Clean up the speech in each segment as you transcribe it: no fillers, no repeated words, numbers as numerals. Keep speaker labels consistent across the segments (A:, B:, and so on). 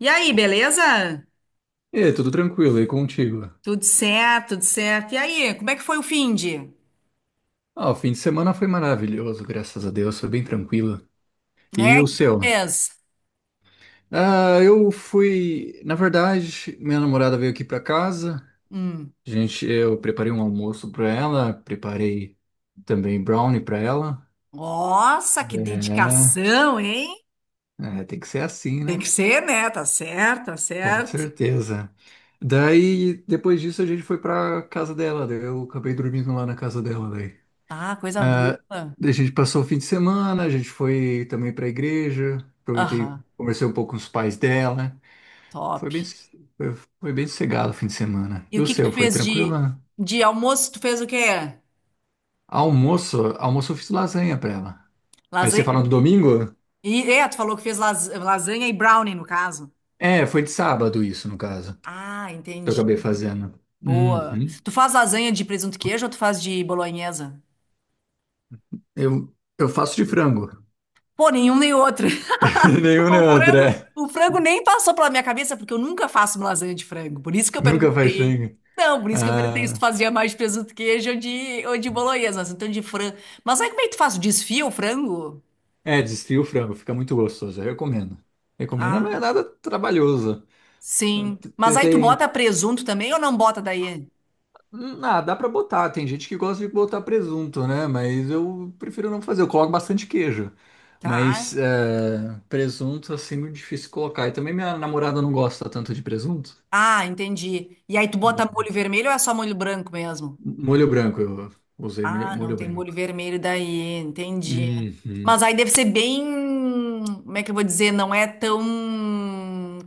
A: E aí, beleza?
B: E aí, tudo tranquilo, e contigo?
A: Tudo certo, tudo certo. E aí, como é que foi o finde?
B: Ah, o fim de semana foi maravilhoso, graças a Deus, foi bem tranquilo. E
A: É, o
B: o
A: que que
B: seu?
A: fez?
B: Ah, eu fui. Na verdade, minha namorada veio aqui pra casa,
A: Hum.
B: gente, eu preparei um almoço pra ela, preparei também brownie pra ela.
A: Nossa, que
B: É,
A: dedicação, hein?
B: é, tem que ser assim,
A: Tem
B: né?
A: que ser, né? Tá certo, tá
B: Com
A: certo.
B: certeza. Daí, depois disso, a gente foi pra casa dela, daí eu acabei dormindo lá na casa dela, daí.
A: Ah, coisa
B: Ah,
A: boa.
B: a gente passou o fim de semana, a gente foi também para a igreja, aproveitei,
A: Aham,
B: conversei um pouco com os pais dela. Foi
A: top.
B: bem, foi, Foi bem sossegado o fim de semana.
A: E
B: E
A: o
B: o
A: que que
B: seu,
A: tu
B: foi
A: fez
B: tranquilo,
A: de,
B: né?
A: de almoço? Tu fez o quê?
B: Almoço, eu fiz lasanha para ela. Mas você falando
A: Lasanha?
B: do domingo?
A: Tu falou que fez lasanha e brownie, no caso.
B: É, foi de sábado isso, no caso, que
A: Ah,
B: eu
A: entendi.
B: acabei fazendo.
A: Boa.
B: Uhum.
A: Tu faz lasanha de presunto e queijo ou tu faz de bolonhesa?
B: Eu, eu faço de frango.
A: Pô, nenhum nem outro.
B: Nenhum nem
A: O
B: outro,
A: frango,
B: é.
A: o frango nem passou pela minha cabeça, porque eu nunca faço uma lasanha de frango. Por isso que eu
B: Nunca faz
A: perguntei.
B: frango.
A: Não, por isso que eu perguntei se tu
B: Ah,
A: fazia mais de presunto queijo ou de bolonhesa, mas então de frango. Mas aí como é que tu faz? Desfia o frango?
B: é, desfia o frango, fica muito gostoso, eu recomendo. Recomendo, não é
A: Ah,
B: nada trabalhoso.
A: sim. Mas
B: Tem,
A: aí tu bota
B: tem-
A: presunto também ou não bota daí?
B: Dá pra botar. Tem gente que gosta de botar presunto, né? Mas eu prefiro não fazer. Eu coloco bastante queijo.
A: Tá.
B: Mas é, presunto, assim, muito difícil colocar. E também minha namorada não gosta tanto de presunto.
A: Ah, entendi. E aí tu bota molho vermelho ou é só molho branco mesmo?
B: Molho branco, eu usei
A: Ah, não
B: molho
A: tem molho
B: branco.
A: vermelho daí, entendi. Mas
B: Uhum.
A: aí deve ser bem, como é que eu vou dizer, não é tão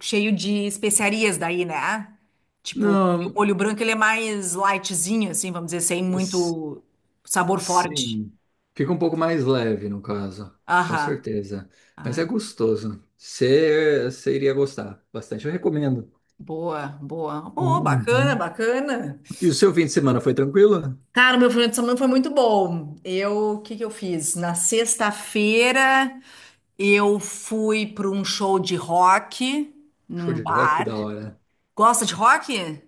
A: cheio de especiarias daí, né? Tipo, o
B: Não,
A: molho branco ele é mais lightzinho, assim, vamos dizer, sem
B: s-
A: muito sabor forte.
B: sim. Fica um pouco mais leve, no caso. Com
A: Aham.
B: certeza. Mas é
A: Ai,
B: gostoso. Você iria gostar bastante. Eu recomendo.
A: boa, boa. Boa, bacana,
B: Uhum.
A: bacana.
B: E o seu fim de semana foi tranquilo?
A: Cara, meu final de semana foi muito bom. O que que eu fiz? Na sexta-feira. Eu fui para um show de rock
B: Show
A: num
B: de rock,
A: bar.
B: da hora.
A: Gosta de rock?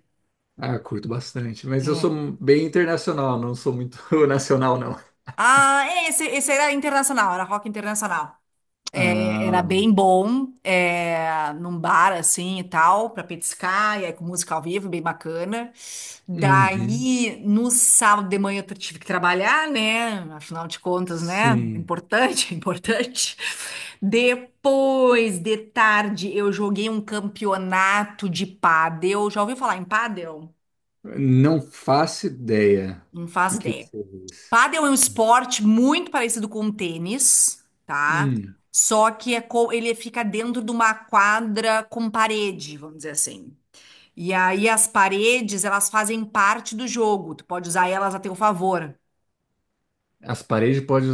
B: Ah, curto bastante, mas eu
A: É.
B: sou bem internacional, não sou muito nacional, não.
A: Ah, esse era internacional, era rock internacional. Era
B: Ah,
A: bem bom, é, num bar assim e tal, pra petiscar, e aí com música ao vivo, bem bacana.
B: uhum,
A: Daí, no sábado de manhã, eu tive que trabalhar, né? Afinal de contas, né? É
B: sim.
A: importante, é importante. Depois de tarde, eu joguei um campeonato de pádel. Já ouviu falar em pádel?
B: Não faço ideia. O
A: Não faz
B: que que
A: ideia.
B: você diz?
A: Pádel é um esporte muito parecido com o tênis, tá?
B: Hum,
A: Só que ele fica dentro de uma quadra com parede, vamos dizer assim. E aí as paredes, elas fazem parte do jogo. Tu pode usar elas a teu favor.
B: As paredes podem.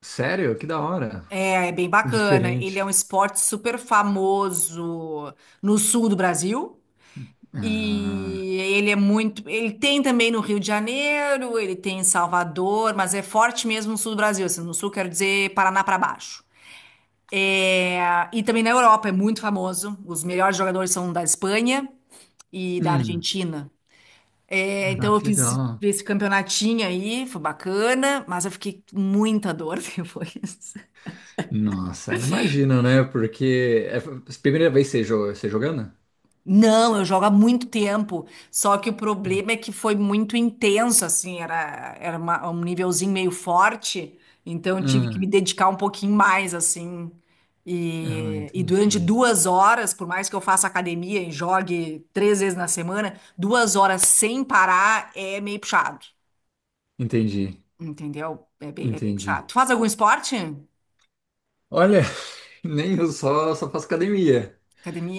B: Sério? Que da hora.
A: É bem bacana. Ele é um
B: Diferente.
A: esporte super famoso no sul do Brasil.
B: Ah,
A: E ele é muito. Ele tem também no Rio de Janeiro, ele tem em Salvador, mas é forte mesmo no sul do Brasil. Assim, no sul, quero dizer Paraná para baixo. É, e também na Europa é muito famoso. Os melhores jogadores são da Espanha e da
B: hum,
A: Argentina. É,
B: ah,
A: então eu
B: que
A: fiz
B: legal.
A: esse campeonatinho aí, foi bacana, mas eu fiquei com muita dor depois.
B: Nossa, imagino, né? Porque é a primeira vez que você jogando?
A: Não, eu jogo há muito tempo. Só que o problema é que foi muito intenso, assim, era um nívelzinho meio forte, então eu tive que me
B: Ah,
A: dedicar um pouquinho mais, assim.
B: ah,
A: E durante
B: entendi.
A: 2 horas, por mais que eu faça academia e jogue 3 vezes na semana, 2 horas sem parar é meio puxado,
B: Entendi.
A: entendeu? É bem
B: Entendi.
A: puxado. Tu faz algum esporte?
B: Olha, nem eu só faço academia.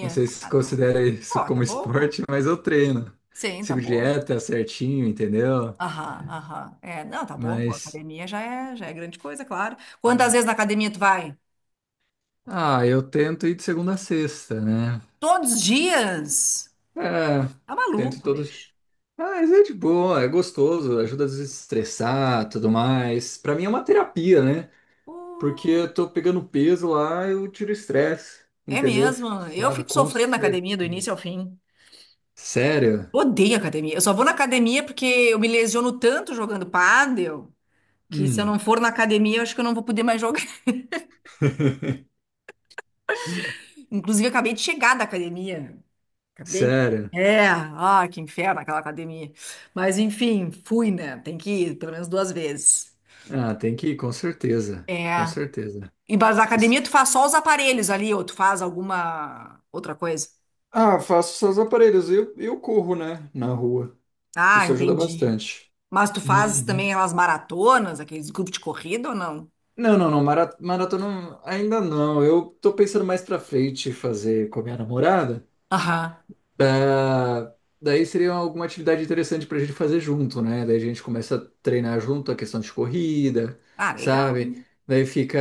B: Não sei se
A: Ah, tá bom.
B: considera isso
A: Pô, tá
B: como
A: bom, pô.
B: esporte, mas eu treino.
A: Sim, tá
B: Sigo
A: bom.
B: dieta certinho, entendeu?
A: Aham, aham. É, não, tá bom, pô,
B: Mas,
A: academia já é grande coisa, claro. Quantas vezes na academia tu vai?
B: eu tento ir de segunda a sexta, né?
A: Todos os dias?
B: É,
A: Tá
B: tento
A: maluco,
B: todos.
A: bicho.
B: Ah, mas é de boa, é gostoso, ajuda a desestressar, tudo mais. Pra mim é uma terapia, né? Porque
A: Pô,
B: eu tô pegando peso lá, eu tiro o estresse,
A: é
B: entendeu?
A: mesmo,
B: Fico
A: eu
B: suave,
A: fico
B: com
A: sofrendo na academia do
B: certeza.
A: início ao fim.
B: Sério?
A: Odeio academia. Eu só vou na academia porque eu me lesiono tanto jogando pádel que se eu
B: Hum.
A: não for na academia, eu acho que eu não vou poder mais jogar. Inclusive, eu acabei de chegar da academia. Acabei de.
B: Sério?
A: É, que inferno aquela academia. Mas enfim, fui, né? Tem que ir pelo menos 2 vezes.
B: Ah, tem que ir, com certeza. Com
A: É.
B: certeza.
A: Embaixo da
B: Isso.
A: academia, tu faz só os aparelhos ali, ou tu faz alguma outra coisa?
B: Ah, faço seus aparelhos. Eu corro, né? Na rua.
A: Ah,
B: Isso ajuda
A: entendi.
B: bastante.
A: Mas tu faz
B: Uhum.
A: também aquelas maratonas, aqueles grupos de corrida ou não?
B: Não, não, não. Maratona ainda não. Eu tô pensando mais pra frente fazer com a minha namorada.
A: Aham.
B: Ah, daí seria alguma atividade interessante pra gente fazer junto, né? Daí a gente começa a treinar junto a questão de corrida,
A: Ah, legal.
B: sabe? Daí fica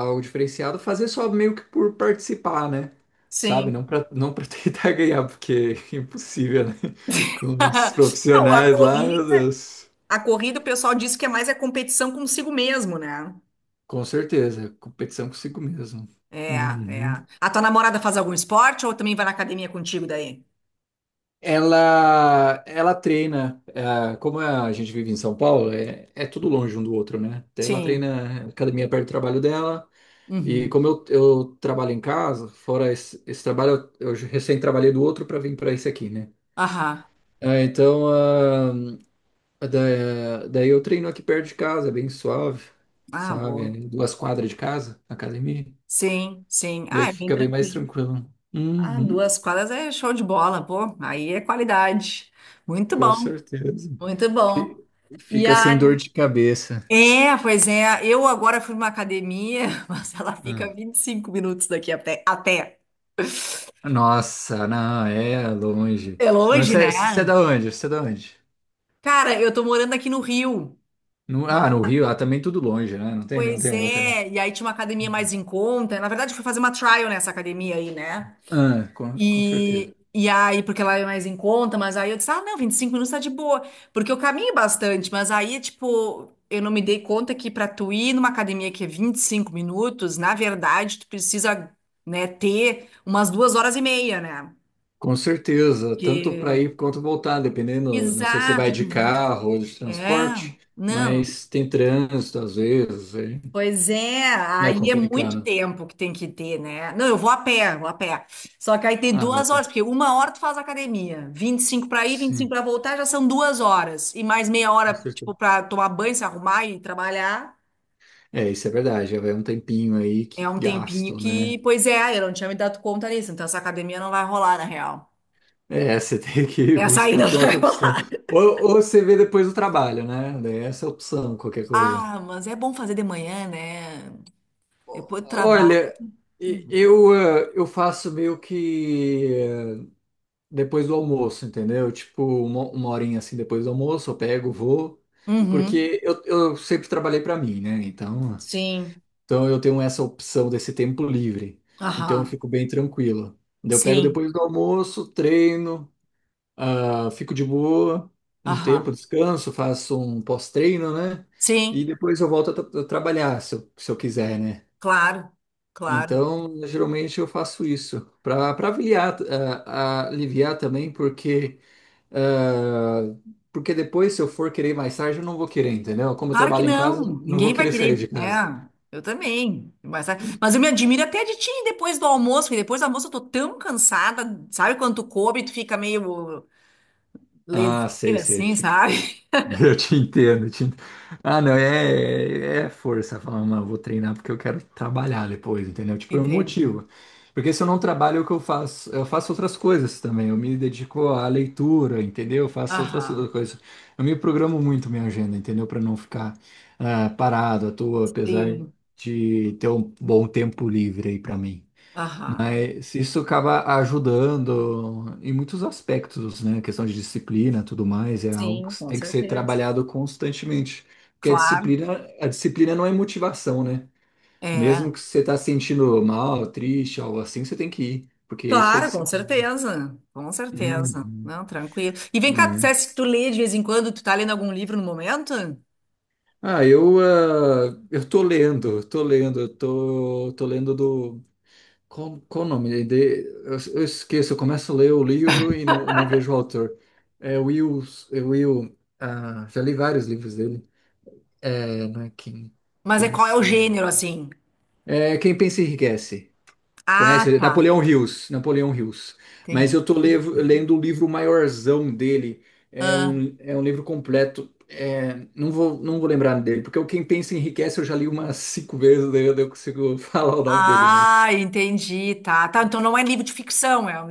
B: algo diferenciado, fazer só meio que por participar, né? Sabe?
A: Sim.
B: Não pra tentar ganhar, porque é impossível, né? Com os
A: Não, a
B: profissionais lá, meu
A: corrida,
B: Deus.
A: a corrida o pessoal diz que é mais a competição consigo mesmo, né?
B: Com certeza, competição consigo mesmo.
A: É, é.
B: Uhum.
A: A tua namorada faz algum esporte ou também vai na academia contigo daí?
B: Ela treina, como é, a gente vive em São Paulo, é tudo longe um do outro, né? Então, ela
A: Sim.
B: treina academia perto do trabalho dela, e
A: Uhum.
B: como eu trabalho em casa, fora esse trabalho, eu recém trabalhei do outro para vir para esse aqui, né?
A: Aham.
B: Ah, então, daí eu treino aqui perto de casa, é bem suave,
A: Ah,
B: sabe? É
A: boa.
B: duas quadras de casa, a academia,
A: Sim, sim. Ah,
B: daí
A: é bem
B: fica bem mais
A: tranquilo.
B: tranquilo.
A: Ah,
B: Uhum,
A: 2 quadras é show de bola, pô. Aí é qualidade. Muito
B: com
A: bom,
B: certeza.
A: muito bom.
B: Fi-
A: E
B: Fica sem dor
A: a.
B: de cabeça.
A: É, pois é. Eu agora fui numa academia, mas ela fica
B: Ah.
A: 25 minutos daqui até.
B: Nossa, não, é longe.
A: É
B: Não,
A: longe,
B: Você
A: né?
B: você é da onde? Você é da onde?
A: Cara, eu tô morando aqui no Rio.
B: No-
A: Mas-
B: ah, no Rio, ah, também tudo longe, né? Não tem, não
A: Pois
B: tem outra, né?
A: é. E aí tinha uma academia mais
B: Uhum.
A: em conta. Na verdade, eu fui fazer uma trial nessa academia aí, né?
B: Ah, com certeza.
A: E aí, porque lá é mais em conta, mas aí eu disse, ah, não, 25 minutos tá de boa, porque eu caminho bastante, mas aí, tipo, eu não me dei conta que pra tu ir numa academia que é 25 minutos, na verdade, tu precisa, né, ter umas 2 horas e meia, né?
B: Com certeza, tanto para
A: que
B: ir quanto voltar, dependendo, não sei se vai
A: Exato,
B: de carro ou de
A: é,
B: transporte,
A: não,
B: mas tem trânsito às vezes, aí
A: pois é,
B: é
A: aí é muito
B: complicado.
A: tempo que tem que ter, né? Não, eu vou a pé, vou a pé. Só que aí tem
B: Ah, velho,
A: 2 horas, porque 1 hora tu faz academia, 25 para ir, 25
B: sim,
A: para voltar, já são 2 horas. E mais meia
B: com
A: hora,
B: certeza.
A: tipo, para tomar banho, se arrumar e trabalhar,
B: É, isso é verdade, já vai um tempinho aí
A: é
B: que
A: um tempinho
B: gasto,
A: que,
B: né?
A: pois é, eu não tinha me dado conta disso, então essa academia não vai rolar, na real.
B: É, você tem que
A: Essa aí
B: buscar
A: não
B: por
A: vai
B: outra opção.
A: rolar.
B: Ou, ou você vê depois do trabalho, né? Daí essa é a opção, qualquer coisa.
A: Ah, mas é bom fazer de manhã, né? Depois do trabalho.
B: Olha, eu faço meio que depois do almoço, entendeu? Tipo, uma horinha assim depois do almoço, eu pego, vou.
A: Uhum.
B: Porque eu sempre trabalhei para mim, né? Então,
A: Sim.
B: então eu tenho essa opção desse tempo livre. Então eu
A: Aham.
B: fico bem tranquilo. Daí eu pego
A: Sim.
B: depois do almoço, treino. Ah, fico de boa, um tempo,
A: Aham.
B: descanso, faço um pós-treino, né? E
A: Sim.
B: depois eu volto a trabalhar, se eu quiser, né?
A: Claro, claro.
B: Então, geralmente eu faço isso para aliviar, aliviar também, porque ah, porque depois, se eu for querer mais tarde, eu não vou querer, entendeu? Como eu
A: Claro que
B: trabalho em casa,
A: não.
B: não vou
A: Ninguém vai
B: querer sair de
A: querer.
B: casa.
A: É, eu também. Mas, sabe, mas eu me admiro até de ti depois do almoço, porque depois do almoço eu tô tão cansada. Sabe quando tu come, tu fica meio
B: Ah, sei,
A: leseira
B: sei.
A: assim, sabe?
B: Eu te entendo. Ah, não, é, é força falar, mano, vou treinar porque eu quero trabalhar depois, entendeu? Tipo, é um
A: Entendi.
B: motivo. Porque se eu não trabalho, o que eu faço? Eu faço outras coisas também. Eu me dedico à leitura, entendeu? Eu faço outras
A: Aham.
B: coisas. Eu me programo muito minha agenda, entendeu? Para não ficar parado à toa, apesar
A: Sim.
B: de ter um bom tempo livre aí para mim.
A: Aham.
B: Isso acaba ajudando em muitos aspectos, né? A questão de disciplina, tudo mais, é algo
A: Sim,
B: que
A: com
B: tem que ser
A: certeza.
B: trabalhado constantemente. Porque a
A: Claro,
B: disciplina, a disciplina não é motivação, né? Mesmo
A: é.
B: que você tá sentindo mal, triste, algo assim, você tem que ir, porque isso é
A: Claro, com
B: disciplina.
A: certeza. Com certeza.
B: Uhum,
A: Não, tranquilo. E vem cá, tu
B: é.
A: disseste que tu lê de vez em quando, tu tá lendo algum livro no momento?
B: Ah, eu tô lendo, eu tô, tô lendo do Qual o nome? Eu esqueço, eu começo a ler o livro e não vejo o autor. É Will, é Will. Já li vários livros dele. É, não é Quem
A: Mas é qual é o
B: Pensa.
A: gênero, assim?
B: É Quem Pensa Enriquece.
A: Ah,
B: Conhece? É
A: tá.
B: Napoleão Hills. Napoleão Hills.
A: Entendi.
B: Mas eu tô lendo o livro maiorzão dele. É
A: Ah,
B: um, é um livro completo. É, não vou lembrar dele, porque o Quem Pensa Enriquece eu já li umas cinco vezes, daí eu não consigo falar o nome dele, mas
A: ah, entendi. Tá, tá. Então não é livro de ficção, é um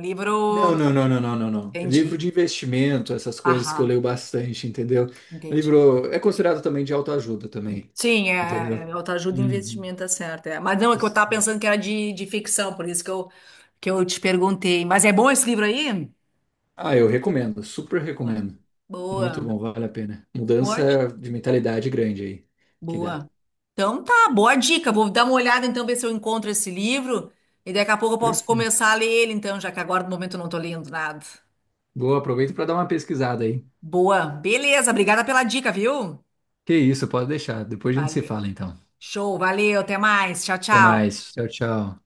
B: não,
A: livro.
B: não, não, não, não, não, não. Livro
A: Entendi.
B: de investimento, essas coisas que eu
A: Aham,
B: leio bastante, entendeu?
A: entendi.
B: Livro é considerado também de autoajuda também,
A: Sim, é,
B: entendeu?
A: é autoajuda e
B: Uhum.
A: investimento, tá certo. É. Mas não, é que eu estava pensando que era de ficção, por isso que eu te perguntei. Mas é bom esse livro aí?
B: Ah, eu recomendo, super
A: Boa.
B: recomendo. Muito
A: Boa.
B: bom, vale a pena.
A: Boa. di-
B: Mudança de mentalidade grande aí que dá.
A: boa. Então tá, boa dica. Vou dar uma olhada então, ver se eu encontro esse livro. E daqui a pouco eu posso
B: Perfeito.
A: começar a ler ele, então, já que agora no momento eu não estou lendo nada.
B: Boa, aproveita para dar uma pesquisada aí.
A: Boa. Beleza, obrigada pela dica, viu?
B: Que isso, pode deixar. Depois a gente se
A: Valeu.
B: fala então.
A: Show, valeu, até mais. Tchau,
B: Até
A: tchau.
B: mais. Tchau, tchau.